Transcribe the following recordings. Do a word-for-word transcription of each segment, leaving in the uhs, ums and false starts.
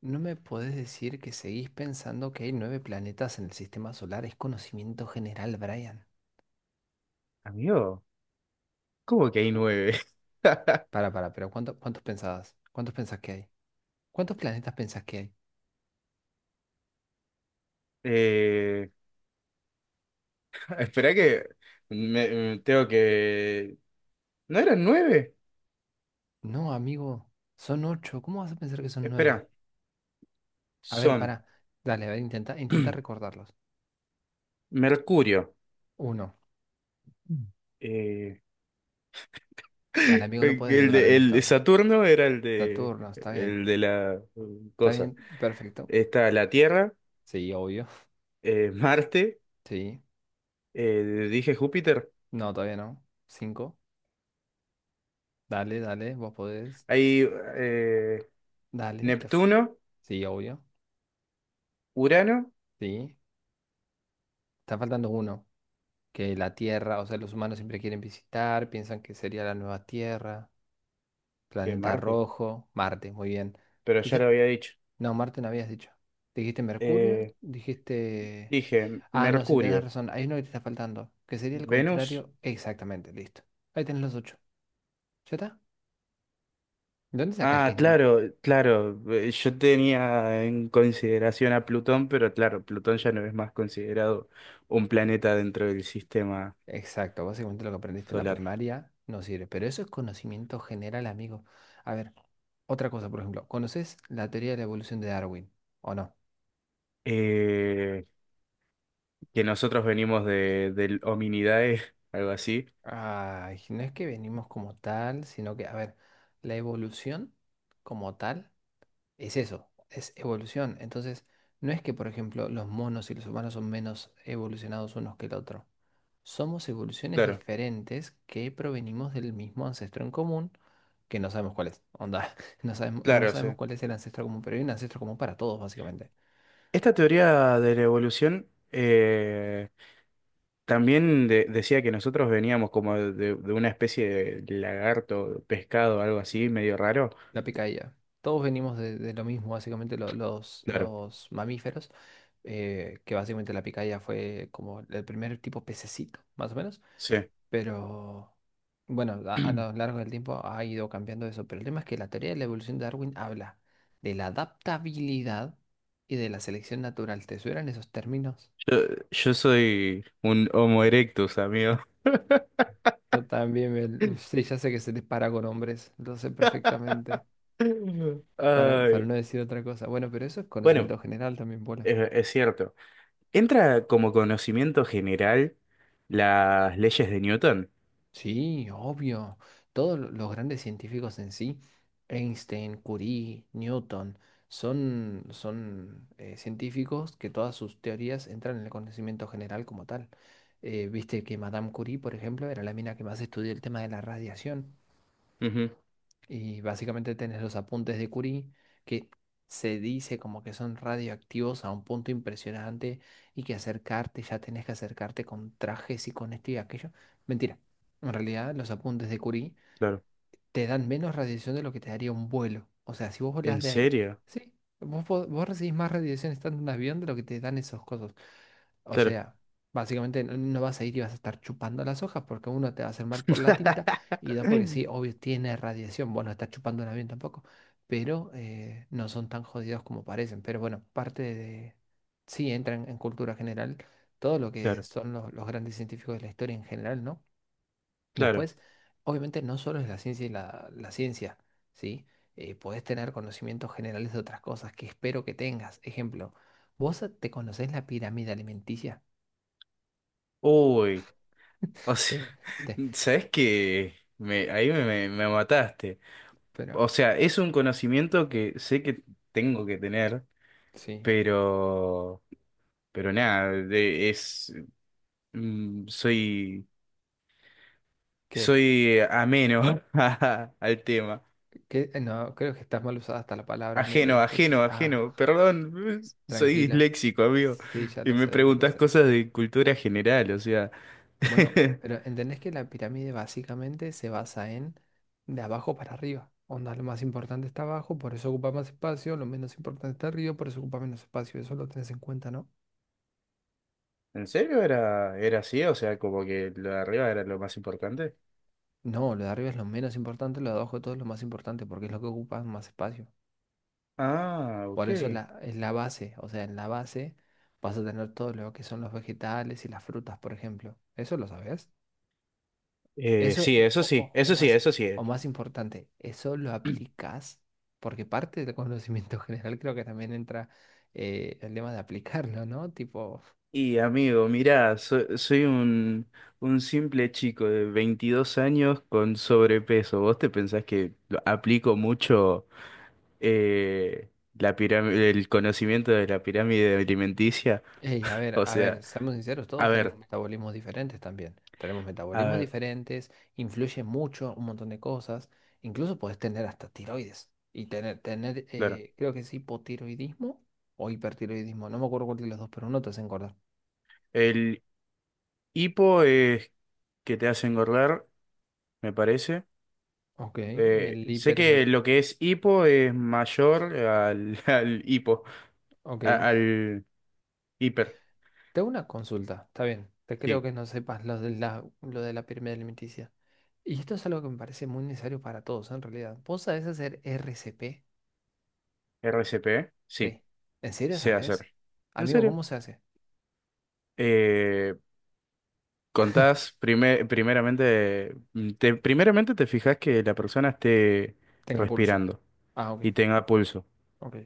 No me podés decir que seguís pensando que hay nueve planetas en el sistema solar. Es conocimiento general, Brian. Amigo, ¿cómo que hay nueve? Para, para, pero ¿cuánto- ¿cuántos pensabas? ¿Cuántos pensás que hay? ¿Cuántos planetas pensás que hay? Eh, espera que me, me tengo que... ¿No eran nueve? No, amigo, son ocho. ¿Cómo vas a pensar que son nueve? Espera, A ver, son para. Dale, a ver, intenta, intenta recordarlos. Mercurio. Uno. Mm. eh, Dale, amigo, no el puedes dudar en de, el de esto. Saturno era el de, Saturno, está bien. el de la mm, Está cosa. bien, perfecto. Está la Tierra, Sí, obvio. eh, Marte, Sí. eh, dije Júpiter. No, todavía no. Cinco. Dale, dale, vos podés. Hay eh, Dale, te... f- Neptuno, Sí, obvio. Urano, Sí. Está faltando uno, que la Tierra, o sea, los humanos siempre quieren visitar, piensan que sería la nueva Tierra, eh, planeta Marte, rojo, Marte, muy bien. pero Y ya ya- lo había dicho. no, Marte no habías dicho. Dijiste Mercurio, Eh, dijiste... dije Ah, no, si tenés Mercurio. razón, hay uno que te está faltando, que sería el Venus. contrario, exactamente, listo. Ahí tenés los ocho. ¿Ya está? ¿De ¿Dónde sacás que Ah, es nueve? claro, claro. eh, Yo tenía en consideración a Plutón, pero claro, Plutón ya no es más considerado un planeta dentro del sistema Exacto, básicamente lo que aprendiste en la solar. primaria no sirve, pero eso es conocimiento general, amigo. A ver, otra cosa, por ejemplo, ¿conoces la teoría de la evolución de Darwin o no? Eh, que nosotros venimos de, del Hominidae, algo así. Ay, no es que venimos como tal, sino que, a ver, la evolución como tal es eso, es evolución. Entonces, no es que, por ejemplo, los monos y los humanos son menos evolucionados unos que el otro. Somos evoluciones Claro, diferentes que provenimos del mismo ancestro en común, que no sabemos cuál es. Onda, no sabemos, no claro, sí. sabemos cuál es el ancestro común, pero hay un ancestro común para todos, básicamente. Esta teoría de la evolución eh, también de- decía que nosotros veníamos como de, de una especie de lagarto, pescado, algo así, medio raro. La picadilla. Todos venimos de, de lo mismo, básicamente lo- los, Claro, los mamíferos. Eh, que básicamente la picaya fue como el primer tipo pececito, más o menos. sí. Pero bueno, a, a lo largo del tiempo ha ido cambiando eso. Pero el tema es que la teoría de la evolución de Darwin habla de la adaptabilidad y de la selección natural. ¿Te suenan esos términos? Yo, yo soy un Homo erectus, amigo. Yo también me- sí, ya sé que se dispara con hombres, lo sé perfectamente, para, para Ay. no decir otra cosa. Bueno, pero eso es Bueno, conocimiento general también, bola. es, es cierto. Entra como conocimiento general las leyes de Newton. Sí, obvio. Todos lo- los grandes científicos en sí, Einstein, Curie, Newton, son, son eh, científicos que todas sus teorías entran en el conocimiento general como tal. Eh, viste que Madame Curie, por ejemplo, era la mina que más estudió el tema de la radiación. Ujú, Y básicamente tenés los apuntes de Curie, que se dice como que son radioactivos a un punto impresionante y que acercarte, ya tenés que acercarte con trajes y con esto y aquello. Mentira. En realidad, los apuntes de Curie claro. te dan menos radiación de lo que te daría un vuelo. O sea, si vos volás ¿En de... serio? Sí, vos, po- vos recibís más radiación estando en un avión de lo que te dan esos cosos. O Claro. sea, básicamente no no vas a ir y vas a estar chupando las hojas porque uno te va a hacer mal por la tinta y dos porque sí, obvio, tiene radiación. Bueno, está chupando un avión tampoco, pero eh, no son tan jodidos como parecen. Pero bueno, parte de... Sí, entran en cultura general todo lo que Claro, son los, los grandes científicos de la historia en general, ¿no? claro. Después, obviamente no solo es la ciencia y la, la ciencia, ¿sí? Eh, podés tener conocimientos generales de otras cosas que espero que tengas. Ejemplo, ¿vos te conocés la pirámide alimenticia? Uy, o sea, Te- te- ¿sabes qué? Me, ahí me, me- me mataste. pero, O sea, es un conocimiento que sé que tengo que tener, sí, pero, pero nada, de- es Mm, soy, ¿qué? soy eh, ameno a- al tema. ¿Qué? No, creo que estás mal usada hasta la palabra mero en Ajeno, este caso. ajeno, Ah, ajeno. Perdón, soy tranquila. disléxico, amigo. Sí, ya Y lo me sé, ya lo preguntas sé. cosas de cultura general, o sea. Bueno, pero entendés que la pirámide básicamente se basa en de abajo para arriba. Onda, lo más importante está abajo, por eso ocupa más espacio, lo menos importante está arriba, por eso ocupa menos espacio. Eso lo tenés en cuenta, ¿no? ¿En serio era, era así? O sea, como que lo de arriba era lo más importante. No, lo de arriba es lo menos importante, lo de abajo de todo es lo más importante, porque es lo que ocupa más espacio. Ah, Por ok. eso la, es la base, o sea, en la base vas a tener todo lo que son los vegetales y las frutas, por ejemplo. ¿Eso lo sabes? Eh, Eso, sí, eh, eso o, sí, o- o eso sí, más, eso sí. o más importante, eso lo aplicas, porque parte del conocimiento general creo que también entra eh, el tema de aplicarlo, ¿no? Tipo, Y amigo, mirá, so- soy un, un simple chico de veintidós años con sobrepeso. ¿Vos te pensás que lo- aplico mucho eh, la piram- el conocimiento de la pirámide alimenticia? hey, a ver, O a sea, ver, seamos sinceros, a todos tenemos ver, metabolismos diferentes también. Tenemos a metabolismos ver, diferentes, influye mucho un montón de cosas. Incluso puedes tener hasta tiroides y tener, tener claro. eh, creo que es hipotiroidismo o hipertiroidismo. No me acuerdo cuál de los dos, pero uno te hace engordar. El hipo es que te hace engordar, me parece. Ok, y Eh, el sé hiper es el... que lo que es hipo es mayor al, al hipo, Ok. a- al hiper, Te hago una consulta, está bien. Te creo sí. que no sepas lo de la, lo de la pirámide alimenticia. Y esto es algo que me parece muy necesario para todos, ¿eh? En realidad, ¿vos sabés hacer R C P? R C P, sí. Sí. ¿En serio Sé sabés? hacer. ¿En Amigo, serio? ¿cómo se hace? Eh, contás prime- primeramente, mm, te, primeramente te fijas que la persona esté Tenga pulso. respirando Ah, ok, y tenga pulso. ok,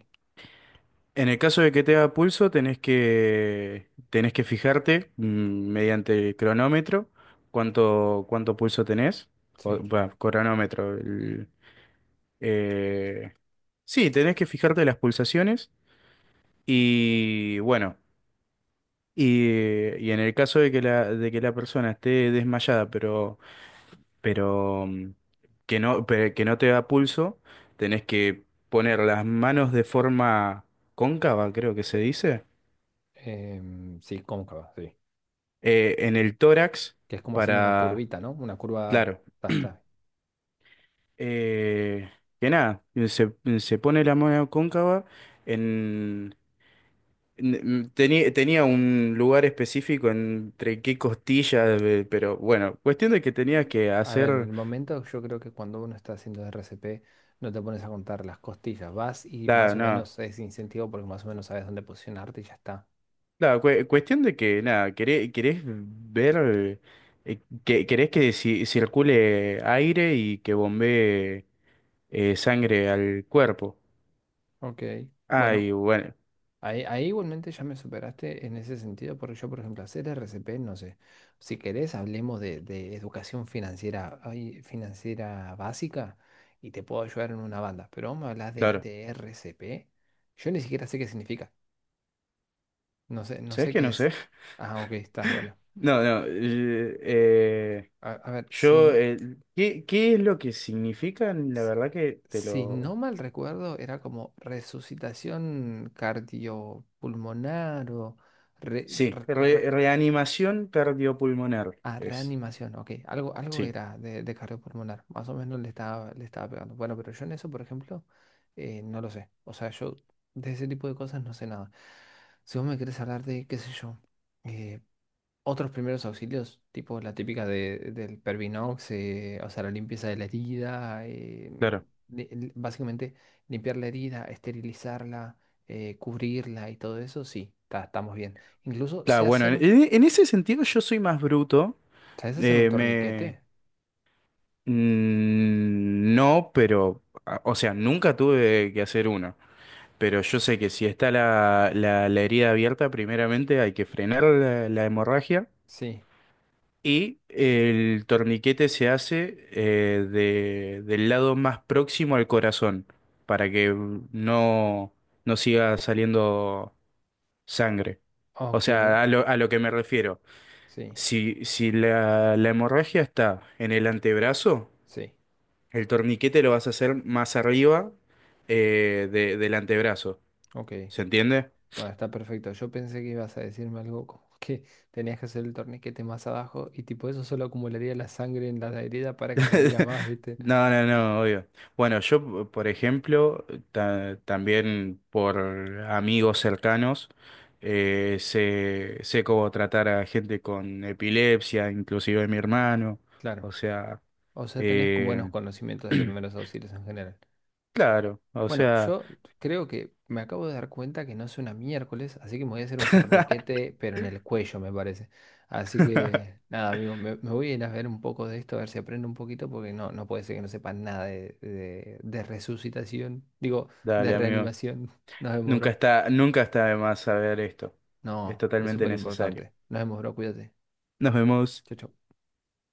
En el caso de que tenga pulso, tenés que, tenés que fijarte mm, mediante el cronómetro cuánto, cuánto pulso tenés. O, sí. bah, cronómetro. el- eh, sí, tenés que fijarte las pulsaciones y bueno. Y, y en el caso de que la, de que la persona esté desmayada, pero, pero mm, que no, pe- que no te da pulso, tenés que poner las manos de forma cóncava, creo que se dice, Em, sí, cóncava, sí. eh, en el tórax Que es como hacer una para, curvita, ¿no? Una curva, claro, basta. eh, que nada, eh, se, se pone la mano cóncava en... n- Tenía, tenía un lugar específico entre qué costillas, eh, pero bueno, cuestión de que tenías que A ver, en hacer... el momento yo creo que cuando uno está haciendo R C P no te pones a contar las costillas, vas y más Claro, o no. menos es incentivo porque más o menos sabes dónde posicionarte y ya está. Claro, cue- cuestión de que, nada, queré- querés, ver, eh, que, querés que ci- circule aire y que bombee eh, sangre al cuerpo. Ok, bueno, Ay, bueno, ahí, ahí igualmente ya me superaste en ese sentido porque yo, por ejemplo, hacer R C P, no sé, si querés hablemos de de educación financiera, ay, financiera básica y te puedo ayudar en una banda, pero vamos a hablar de claro. de R C P, yo ni siquiera sé qué significa, no sé, no ¿Sabes sé qué? qué No es. sé. Ah, ok, estás bueno. No, no. eh, eh, A, a ver, yo, si, eh, ¿qué, qué es lo que significan? La S- verdad que te Si lo... no mal recuerdo, era como resucitación cardiopulmonar o re- Sí, re- re- re- reanimación cardiopulmonar ah, es. reanimación, ok. Algo, algo Sí, era de, de cardiopulmonar, más o menos le estaba, le estaba pegando. Bueno, pero yo en eso, por ejemplo, eh, no lo sé. O sea, yo de ese tipo de cosas no sé nada. Si vos me querés hablar de, qué sé yo, eh, otros primeros auxilios, tipo la típica de, del Pervinox, eh, o sea, la limpieza de la herida, eh, claro. li- li- básicamente limpiar la herida, esterilizarla, eh, cubrirla y todo eso, sí, ta- estamos bien. Incluso Claro, sé bueno, hacer en, un, en ese sentido yo soy más bruto. ¿sabes hacer un eh, torniquete? Mm, No, pero, a- o sea, nunca tuve que hacer una. Pero yo sé que si está la, la, la herida abierta, primeramente hay que frenar la, la hemorragia Sí, y el torniquete se hace eh, de- del lado más próximo al corazón para que no, no siga saliendo sangre. O ok, sea, a lo, a lo que me refiero, sí, si, si la, la hemorragia está en el antebrazo, sí, el torniquete lo vas a hacer más arriba eh, de- del antebrazo. ok. ¿Se entiende? Bueno, está perfecto. Yo pensé que ibas a decirme algo como que tenías que hacer el torniquete más abajo y tipo eso solo acumularía la sangre en la herida para que saliera más, ¿viste? No, no, no, obvio. Bueno, yo, por ejemplo, ta- también por amigos cercanos, eh, sé, sé cómo tratar a gente con epilepsia, inclusive mi hermano. Claro. O sea, O sea, tenés con buenos eh, conocimientos de primeros auxilios en general. claro, o Bueno, sea, yo creo que me acabo de dar cuenta que no es una miércoles, así que me voy a hacer un torniquete, pero en el cuello, me parece. Así que, nada, amigo, me, me voy a ir a ver un poco de esto, a ver si aprendo un poquito, porque no, no puede ser que no sepa nada de, de, de resucitación, digo, de dale, amigo. reanimación. Nos vemos, Nunca bro. está, nunca está de más saber esto. Es No, es totalmente súper necesario. importante. Nos vemos, bro, cuídate. Nos vemos. Chau, chau.